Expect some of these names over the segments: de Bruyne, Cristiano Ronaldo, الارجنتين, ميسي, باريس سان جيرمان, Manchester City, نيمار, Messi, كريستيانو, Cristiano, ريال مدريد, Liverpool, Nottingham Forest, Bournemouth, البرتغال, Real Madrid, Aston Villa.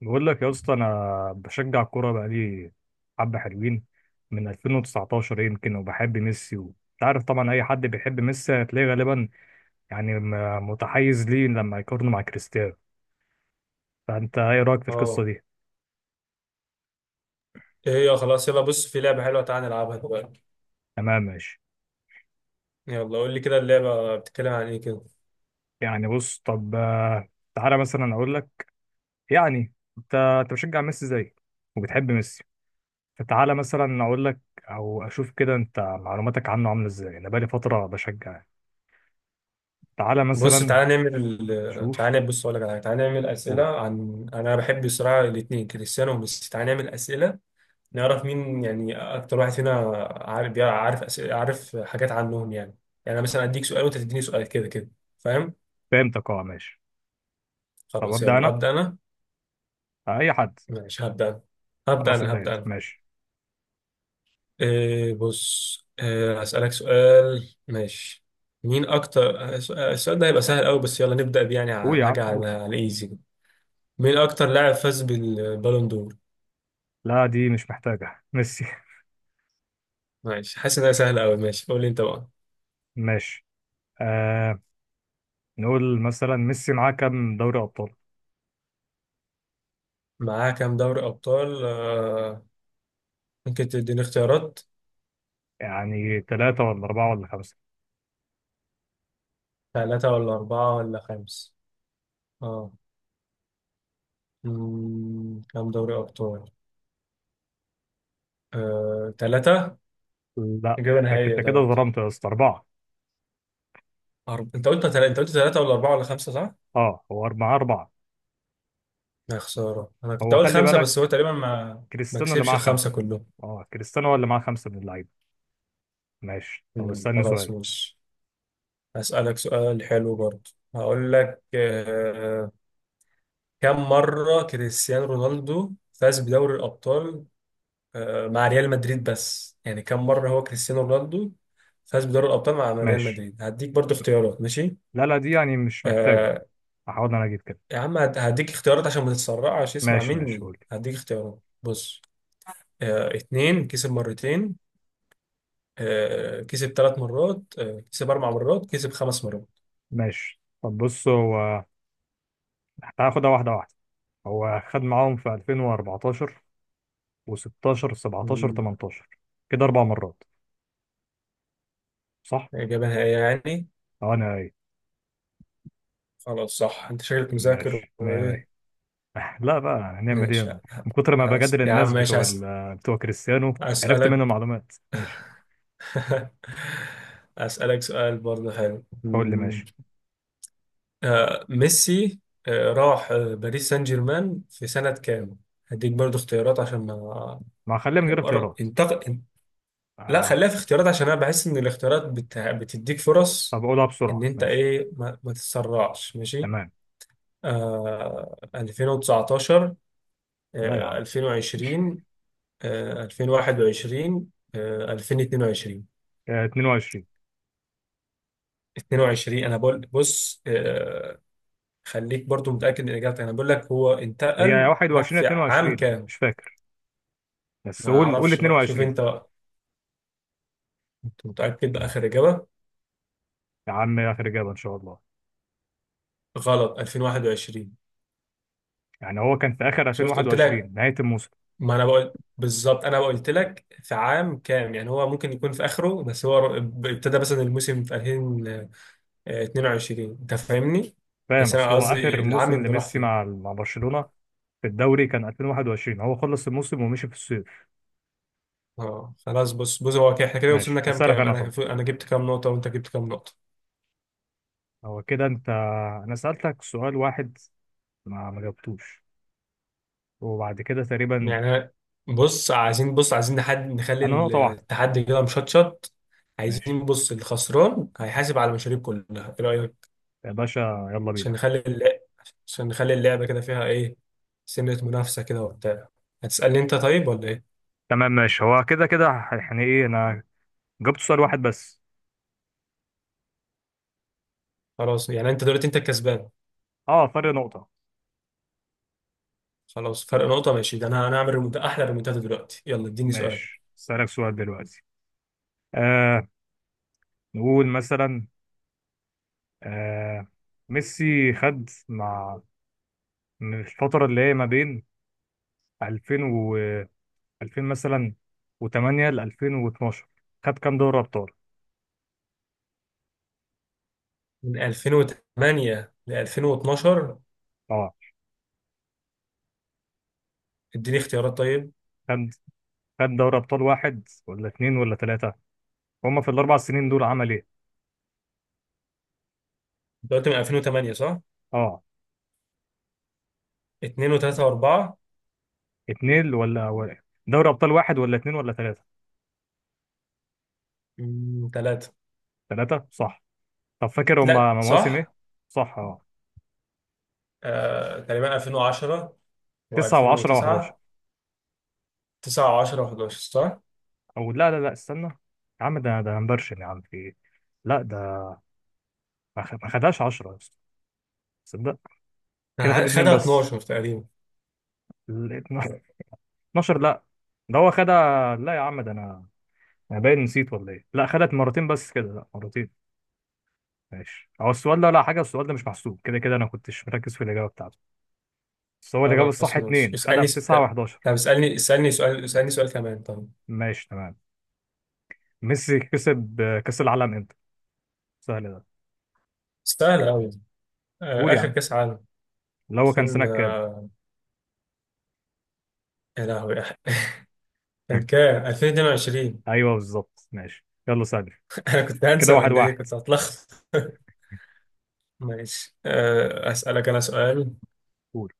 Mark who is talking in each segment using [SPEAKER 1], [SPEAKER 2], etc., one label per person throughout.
[SPEAKER 1] بقول لك يا اسطى، انا بشجع الكوره بقالي حبه حلوين من 2019 يمكن، وبحب ميسي انت عارف طبعا اي حد بيحب ميسي هتلاقيه غالبا يعني متحيز ليه لما يقارنه مع كريستيانو. فانت ايه رايك في القصه
[SPEAKER 2] اه.
[SPEAKER 1] دي؟
[SPEAKER 2] ايه هي؟ خلاص، يلا بص، في لعبة حلوة، تعالى نلعبها دلوقتي.
[SPEAKER 1] تمام ماشي.
[SPEAKER 2] يلا قول لي كده، اللعبة بتتكلم عن ايه كده؟
[SPEAKER 1] يعني بص طب، تعالى مثلا اقول لك. يعني انت بشجع ميسي زي، وبتحب ميسي، فتعالى مثلا اقول لك او اشوف كده انت معلوماتك عنه عامله ازاي. انا بقالي فتره بشجع، تعالى مثلا. شوف.
[SPEAKER 2] بص اقول لك على حاجة، تعالى نعمل أسئلة، عن انا بحب الصراحة الاتنين كريستيانو وميسي، تعالى نعمل أسئلة نعرف مين يعني اكتر واحد فينا عارف أسئلة، عارف حاجات عنهم يعني انا مثلا اديك سؤال وانت تديني سؤال كده كده، فاهم؟
[SPEAKER 1] فهمتك، اه ماشي. طب
[SPEAKER 2] خلاص
[SPEAKER 1] ابدا
[SPEAKER 2] يلا
[SPEAKER 1] انا،
[SPEAKER 2] ابدا انا.
[SPEAKER 1] اي حد.
[SPEAKER 2] ماشي، هبدا أنا. هبدا
[SPEAKER 1] خلاص
[SPEAKER 2] انا
[SPEAKER 1] ابدا انت
[SPEAKER 2] هبدا
[SPEAKER 1] ماشي.
[SPEAKER 2] إيه بص، إيه، هسألك سؤال ماشي. مين أكتر السؤال ده هيبقى سهل أوي، بس يلا نبدأ بيه، يعني
[SPEAKER 1] قول يا عم
[SPEAKER 2] حاجة
[SPEAKER 1] قول.
[SPEAKER 2] على الإيزي كده. مين أكتر لاعب فاز بالبالون دور؟
[SPEAKER 1] لا دي مش محتاجه ميسي.
[SPEAKER 2] ماشي، حاسس إنها سهلة أوي، ماشي قول لي أنت بقى.
[SPEAKER 1] ماشي. آه نقول مثلا ميسي معاه كام دوري ابطال؟
[SPEAKER 2] معاه كام دوري أبطال؟ ممكن تديني اختيارات؟
[SPEAKER 1] يعني ثلاثة ولا أربعة ولا خمسة.
[SPEAKER 2] ثلاثة ولا أربعة ولا خمسة؟ آه كام دوري أبطال؟ ثلاثة.
[SPEAKER 1] لا
[SPEAKER 2] إجابة
[SPEAKER 1] انت
[SPEAKER 2] نهائية
[SPEAKER 1] كده
[SPEAKER 2] ثلاثة.
[SPEAKER 1] ظلمت يا اسطى، أربعة.
[SPEAKER 2] أنت قلت أنت قلت ثلاثة ولا أربعة ولا خمسة صح؟
[SPEAKER 1] اه هو أربعة، معاه أربعة.
[SPEAKER 2] يا خسارة، أنا كنت
[SPEAKER 1] هو
[SPEAKER 2] أقول
[SPEAKER 1] خلي
[SPEAKER 2] خمسة، بس هو
[SPEAKER 1] بالك،
[SPEAKER 2] تقريبا ما
[SPEAKER 1] كريستيانو اللي
[SPEAKER 2] كسبش
[SPEAKER 1] معاه
[SPEAKER 2] الخمسة
[SPEAKER 1] خمسة.
[SPEAKER 2] كلهم.
[SPEAKER 1] اه كريستيانو هو اللي معاه خمسة من اللعيبة. ماشي طب
[SPEAKER 2] مم،
[SPEAKER 1] استني
[SPEAKER 2] خلاص
[SPEAKER 1] سؤال.
[SPEAKER 2] مش أسألك سؤال حلو برضه، هقول لك. آه، كم مرة كريستيانو رونالدو فاز بدوري الأبطال؟ مع ريال مدريد، بس يعني كم مرة هو كريستيانو رونالدو فاز بدوري الأبطال مع ريال
[SPEAKER 1] ماشي
[SPEAKER 2] مدريد؟ هديك برضه اختيارات ماشي.
[SPEAKER 1] لا لا، دي يعني مش محتاجة.
[SPEAKER 2] آه
[SPEAKER 1] هحاول انا اجيب كده.
[SPEAKER 2] يا عم هديك اختيارات عشان ما تتسرعش، اسمع
[SPEAKER 1] ماشي ماشي
[SPEAKER 2] مني
[SPEAKER 1] قول.
[SPEAKER 2] هديك اختيارات بص. اتنين، كسب مرتين، كسب ثلاث مرات، كسب اربع مرات، كسب خمس مرات.
[SPEAKER 1] ماشي طب بص هو، تعال خدها واحدة واحدة. هو خد معاهم في 2014 و16 17
[SPEAKER 2] مم.
[SPEAKER 1] 18، كده أربع مرات، صح؟
[SPEAKER 2] اجابه نهائيه يعني؟
[SPEAKER 1] أه أنا أي.
[SPEAKER 2] خلاص صح، انت شكلك مذاكر
[SPEAKER 1] ماشي مية
[SPEAKER 2] وايه.
[SPEAKER 1] مية. لا بقى هنعمل إيه
[SPEAKER 2] ماشي
[SPEAKER 1] أنا، من كتر ما بجادل
[SPEAKER 2] يا عم
[SPEAKER 1] الناس
[SPEAKER 2] ماشي،
[SPEAKER 1] بتوع بتوع كريستيانو عرفت
[SPEAKER 2] هسألك.
[SPEAKER 1] منهم معلومات. ماشي
[SPEAKER 2] هسألك سؤال برضه حلو.
[SPEAKER 1] قول لي
[SPEAKER 2] مم.
[SPEAKER 1] ماشي.
[SPEAKER 2] ميسي راح باريس سان جيرمان في سنة كام؟ هديك برضو اختيارات عشان ما
[SPEAKER 1] ما خليها من غير اختيارات.
[SPEAKER 2] انتقل. لا،
[SPEAKER 1] آه.
[SPEAKER 2] خليها في اختيارات عشان انا بحس ان الاختيارات بتديك
[SPEAKER 1] طب
[SPEAKER 2] فرص.
[SPEAKER 1] أقولها
[SPEAKER 2] ان
[SPEAKER 1] بسرعة
[SPEAKER 2] انت
[SPEAKER 1] ماشي.
[SPEAKER 2] ايه، ما تتسرعش ماشي.
[SPEAKER 1] تمام.
[SPEAKER 2] 2019؟
[SPEAKER 1] لا يا عم،
[SPEAKER 2] 2020؟ 2021؟ 2022؟
[SPEAKER 1] 22.
[SPEAKER 2] 22، انا بقول، بص. خليك برضو متأكد من اجابتك، انا بقول لك هو
[SPEAKER 1] هي
[SPEAKER 2] انتقل راح
[SPEAKER 1] 21 يا
[SPEAKER 2] في عام
[SPEAKER 1] 22
[SPEAKER 2] كام.
[SPEAKER 1] مش فاكر، بس
[SPEAKER 2] ما
[SPEAKER 1] قول قول
[SPEAKER 2] اعرفش بقى، شوف
[SPEAKER 1] 22.
[SPEAKER 2] انت بقى. أنت متأكد بآخر اجابة؟
[SPEAKER 1] يا عم آخر إجابة إن شاء الله.
[SPEAKER 2] غلط، 2021.
[SPEAKER 1] يعني هو كان في اخر
[SPEAKER 2] شفت قلت لك.
[SPEAKER 1] 2021 نهايه الموسم.
[SPEAKER 2] ما انا بقول بالظبط، انا قلت لك في عام كام، يعني هو ممكن يكون في اخره، بس هو ابتدى مثلا الموسم في 2022، انت فاهمني.
[SPEAKER 1] فاهم،
[SPEAKER 2] بس انا
[SPEAKER 1] اصل هو
[SPEAKER 2] قصدي
[SPEAKER 1] اخر
[SPEAKER 2] العام
[SPEAKER 1] موسم
[SPEAKER 2] اللي راح
[SPEAKER 1] لميسي
[SPEAKER 2] فيه.
[SPEAKER 1] مع برشلونه في الدوري كان 2021، هو خلص الموسم ومشي في الصيف.
[SPEAKER 2] اه خلاص، بص هو احنا كده وصلنا
[SPEAKER 1] ماشي
[SPEAKER 2] كام.
[SPEAKER 1] اسالك انا طب.
[SPEAKER 2] انا جبت كام نقطة، وانت جبت كام نقطة.
[SPEAKER 1] هو كده انت، انا سالتك سؤال واحد ما جاوبتوش، وبعد كده تقريبا
[SPEAKER 2] يعني بص عايزين، بص عايزين نحد نخلي
[SPEAKER 1] انا نقطه واحده.
[SPEAKER 2] التحدي كده مشطشط.
[SPEAKER 1] ماشي
[SPEAKER 2] عايزين، بص، الخسران هيحاسب على المشاريب كلها، ايه رأيك؟
[SPEAKER 1] يا باشا يلا
[SPEAKER 2] عشان
[SPEAKER 1] بينا.
[SPEAKER 2] نخلي اللعب عشان نخلي اللعبة كده فيها ايه، سنة منافسة كده وبتاع. هتسألني انت طيب ولا ايه؟
[SPEAKER 1] تمام ماشي، هو كده كده. يعني ايه، انا جاوبت سؤال واحد بس.
[SPEAKER 2] خلاص يعني انت دلوقتي انت الكسبان.
[SPEAKER 1] اه فرق نقطه.
[SPEAKER 2] خلاص، فرق نقطة ماشي. ده انا هعمل احلى ريمونتادا دلوقتي. يلا اديني سؤال.
[SPEAKER 1] ماشي اسالك سؤال دلوقتي. آه نقول مثلا، آه ميسي خد مع، من الفترة اللي هي ما بين 2000 و 2000 مثلا و8 ل 2012، خد كام دوري ابطال؟
[SPEAKER 2] من 2008 ل 2012.
[SPEAKER 1] اه،
[SPEAKER 2] اديني اختيارات طيب.
[SPEAKER 1] خد خد دوري ابطال واحد ولا اتنين ولا تلاتة، هما في الاربع سنين دول عمل ايه؟
[SPEAKER 2] انت قلت من 2008 صح؟
[SPEAKER 1] اه
[SPEAKER 2] 2 و3 و4.
[SPEAKER 1] اتنين دوري ابطال واحد ولا اتنين ولا تلاتة.
[SPEAKER 2] 3.
[SPEAKER 1] تلاتة، صح. طب فاكر
[SPEAKER 2] لا
[SPEAKER 1] هما مواسم ايه؟
[SPEAKER 2] صح.
[SPEAKER 1] صح اه.
[SPEAKER 2] آه، تقريبا 2010
[SPEAKER 1] تسعة و10
[SPEAKER 2] و2009.
[SPEAKER 1] و11.
[SPEAKER 2] 9 و10 و11 صح.
[SPEAKER 1] او لا لا لا استنى. يا عم ده هنبرشن، يا عم في ايه؟ لا ده ما خدهاش 10 يا اسطى، تصدق.
[SPEAKER 2] أنا
[SPEAKER 1] كده خد اتنين
[SPEAKER 2] خدها
[SPEAKER 1] بس.
[SPEAKER 2] 12 تقريبا.
[SPEAKER 1] 12 لا، ده هو خدها، لا يا عم ده انا باين نسيت ولا ايه. لا خدت مرتين بس كده، لا مرتين. ماشي، هو السؤال ده لا حاجه، السؤال ده مش محسوب كده كده، انا كنتش مركز في الاجابه بتاعته. بس هو الاجابه الصح
[SPEAKER 2] خلاص ماشي،
[SPEAKER 1] اتنين، خدها
[SPEAKER 2] اسألني
[SPEAKER 1] في
[SPEAKER 2] طب.
[SPEAKER 1] 9 و11.
[SPEAKER 2] طب اسألني سؤال كمان طب.
[SPEAKER 1] ماشي تمام. ميسي كسب، كاس العالم امتى؟ سهل ده.
[SPEAKER 2] سهل أوي.
[SPEAKER 1] قول
[SPEAKER 2] آه،
[SPEAKER 1] يا
[SPEAKER 2] آخر
[SPEAKER 1] عم.
[SPEAKER 2] كأس عالم
[SPEAKER 1] اللي هو كان
[SPEAKER 2] 2000،
[SPEAKER 1] سنه كام؟
[SPEAKER 2] يا لهوي. كان كام؟ 2022.
[SPEAKER 1] ايوه بالظبط. ماشي يلا سهل.
[SPEAKER 2] أنا كنت هنسى،
[SPEAKER 1] كده واحد
[SPEAKER 2] ولا إيه،
[SPEAKER 1] واحد.
[SPEAKER 2] كنت هتلخبط. ماشي، أسألك أنا سؤال.
[SPEAKER 1] قول.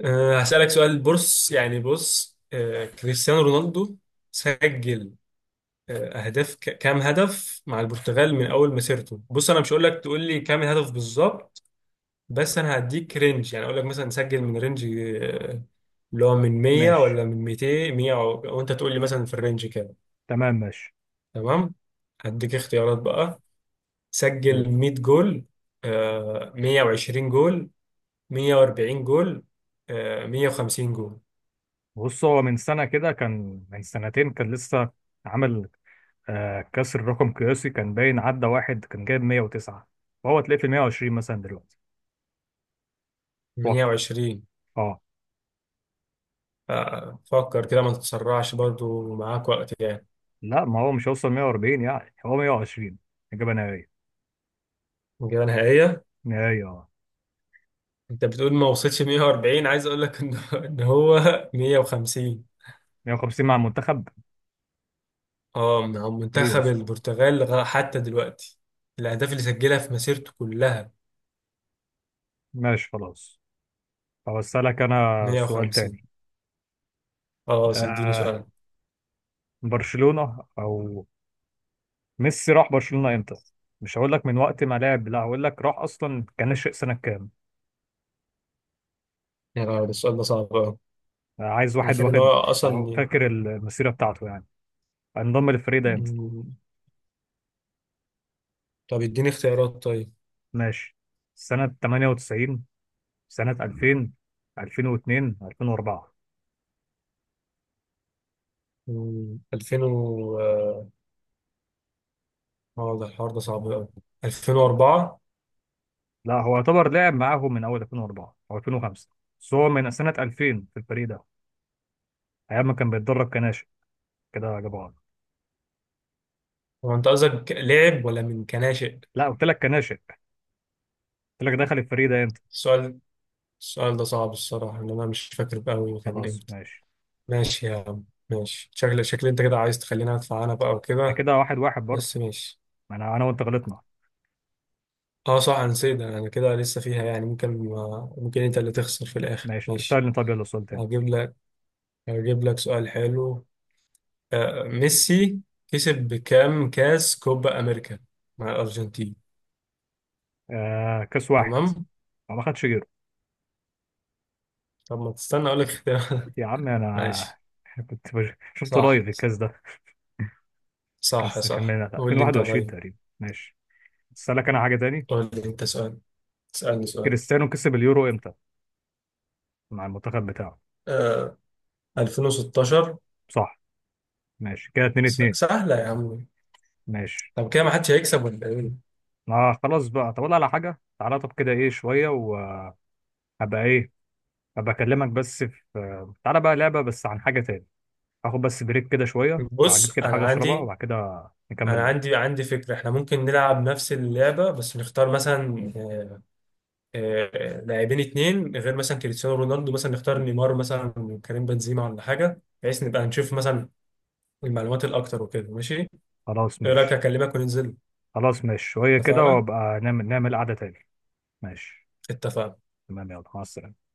[SPEAKER 2] هسألك سؤال، بص يعني، بص آه، كريستيانو رونالدو سجل أهداف، كام هدف مع البرتغال من أول مسيرته، بص أنا مش هقول لك تقول لي كام الهدف بالظبط، بس انا هديك رينج، يعني اقول لك مثلا سجل من رينج، اللي هو من 100
[SPEAKER 1] ماشي
[SPEAKER 2] ولا من 200. 100 وانت تقول لي مثلا في الرينج كده.
[SPEAKER 1] تمام ماشي
[SPEAKER 2] تمام، هديك اختيارات بقى.
[SPEAKER 1] قول.
[SPEAKER 2] سجل 100 جول، 120 جول، 140 جول، 150 جول.
[SPEAKER 1] بص هو من سنه كده، كان من سنتين، كان لسه عامل كسر رقم قياسي. كان باين عدى واحد، كان جايب 109، فهو تلاقيه في 120 مثلا دلوقتي، اتوقع.
[SPEAKER 2] 120.
[SPEAKER 1] اه.
[SPEAKER 2] فكر كده ما تتسرعش، برضو معاك وقت يعني.
[SPEAKER 1] لا ما هو مش هيوصل 140، يعني هو 120، اجابه نهائيه.
[SPEAKER 2] الإجابة نهائية؟
[SPEAKER 1] نهائيه اه.
[SPEAKER 2] انت بتقول ما وصلش 140، عايز اقول لك إن هو 150.
[SPEAKER 1] 150 مع المنتخب!
[SPEAKER 2] اه، مع
[SPEAKER 1] ايه يا
[SPEAKER 2] منتخب
[SPEAKER 1] اسطى.
[SPEAKER 2] البرتغال، حتى دلوقتي الأهداف اللي سجلها في مسيرته كلها
[SPEAKER 1] ماشي خلاص. طب اسالك انا سؤال
[SPEAKER 2] 150.
[SPEAKER 1] تاني.
[SPEAKER 2] اه اديني
[SPEAKER 1] آه
[SPEAKER 2] سؤال.
[SPEAKER 1] برشلونه او، ميسي راح برشلونه امتى؟ مش هقول لك من وقت ما لعب، لا هقول لك راح اصلا كان ناشئ سنه كام.
[SPEAKER 2] يا لهوي، ده السؤال ده صعب أوي.
[SPEAKER 1] عايز
[SPEAKER 2] أنا
[SPEAKER 1] واحد
[SPEAKER 2] فاكر إن هو
[SPEAKER 1] واخد. أو
[SPEAKER 2] أصلا،
[SPEAKER 1] فاكر المسيره بتاعته، يعني انضم للفريق ده.
[SPEAKER 2] مم، طب اديني اختيارات طيب.
[SPEAKER 1] ماشي، سنة 98، سنة 2000، 2002، 2004.
[SPEAKER 2] 2000 و اه آه، ده الحوار ده صعب أوي. 2004.
[SPEAKER 1] لا هو يعتبر لعب معاهم من أول 2004 أو 2005، بس هو من سنة 2000 في الفريق ده أيام ما كان بيتدرب كناشئ كده، جاب عرض.
[SPEAKER 2] هو أنت قصدك لعب ولا من كناشئ؟
[SPEAKER 1] لا قلت لك كناشئ، قلت لك دخل الفريق ده أنت.
[SPEAKER 2] السؤال السؤال ده صعب، الصراحة إن أنا مش فاكر أوي كان
[SPEAKER 1] خلاص
[SPEAKER 2] إمتى.
[SPEAKER 1] ماشي.
[SPEAKER 2] ماشي يا عم ماشي، شكل أنت كده عايز تخليني أدفع أنا بقى
[SPEAKER 1] ده
[SPEAKER 2] وكده،
[SPEAKER 1] كده واحد واحد برضه.
[SPEAKER 2] بس ماشي.
[SPEAKER 1] ما أنا وأنت غلطنا.
[SPEAKER 2] اه صح، انا نسيت ده. انا كده لسه فيها، يعني ممكن، ممكن انت اللي تخسر في الاخر،
[SPEAKER 1] ماشي
[SPEAKER 2] ماشي.
[SPEAKER 1] تستاهل. طب يلا سؤال تاني.
[SPEAKER 2] هجيب لك هجيب لك سؤال حلو. آه، ميسي كسب بكام كاس كوبا امريكا مع الارجنتين؟
[SPEAKER 1] كاس واحد،
[SPEAKER 2] تمام.
[SPEAKER 1] ما خدش غيره.
[SPEAKER 2] طب ما تستنى اقول لك اختيار.
[SPEAKER 1] يا عم أنا
[SPEAKER 2] ماشي.
[SPEAKER 1] كنت شفت
[SPEAKER 2] صح.
[SPEAKER 1] قريب الكاس ده.
[SPEAKER 2] صح،
[SPEAKER 1] كان
[SPEAKER 2] صح،
[SPEAKER 1] من
[SPEAKER 2] قول لي انت
[SPEAKER 1] 2021
[SPEAKER 2] طيب.
[SPEAKER 1] تقريبا. ماشي أسألك أنا حاجة تاني.
[SPEAKER 2] قول لي انت سؤال، اسالني سؤال.
[SPEAKER 1] كريستيانو كسب اليورو امتى مع المنتخب بتاعه؟
[SPEAKER 2] آه 2016.
[SPEAKER 1] صح. ماشي كده 2 2.
[SPEAKER 2] سهله يا عم.
[SPEAKER 1] ماشي
[SPEAKER 2] طب كده ما حدش هيكسب ولا ايه؟
[SPEAKER 1] ما خلاص بقى. طب أقول على حاجه، تعالى. طب كده ايه، شويه وهبقى ايه، هبقى اكلمك بس في، تعالى بقى لعبه بس عن حاجه تاني. هاخد بس بريك كده شويه، هجيب
[SPEAKER 2] بص
[SPEAKER 1] كده حاجه اشربها وبعد كده نكمل
[SPEAKER 2] انا
[SPEAKER 1] لعب.
[SPEAKER 2] عندي عندي فكره. احنا ممكن نلعب نفس اللعبه، بس نختار مثلا، لاعبين اتنين، غير مثلا كريستيانو رونالدو، مثلا نختار نيمار مثلا وكريم بنزيما ولا حاجه، بحيث نبقى نشوف مثلا المعلومات الاكتر وكده ماشي.
[SPEAKER 1] خلاص
[SPEAKER 2] ايه رايك؟
[SPEAKER 1] ماشي.
[SPEAKER 2] اكلمك وننزل.
[SPEAKER 1] خلاص ماشي، شويه كده
[SPEAKER 2] اتفقنا.
[SPEAKER 1] وابقى نعمل قعده تاني. ماشي
[SPEAKER 2] اتفقنا.
[SPEAKER 1] تمام، يلا مع السلامه.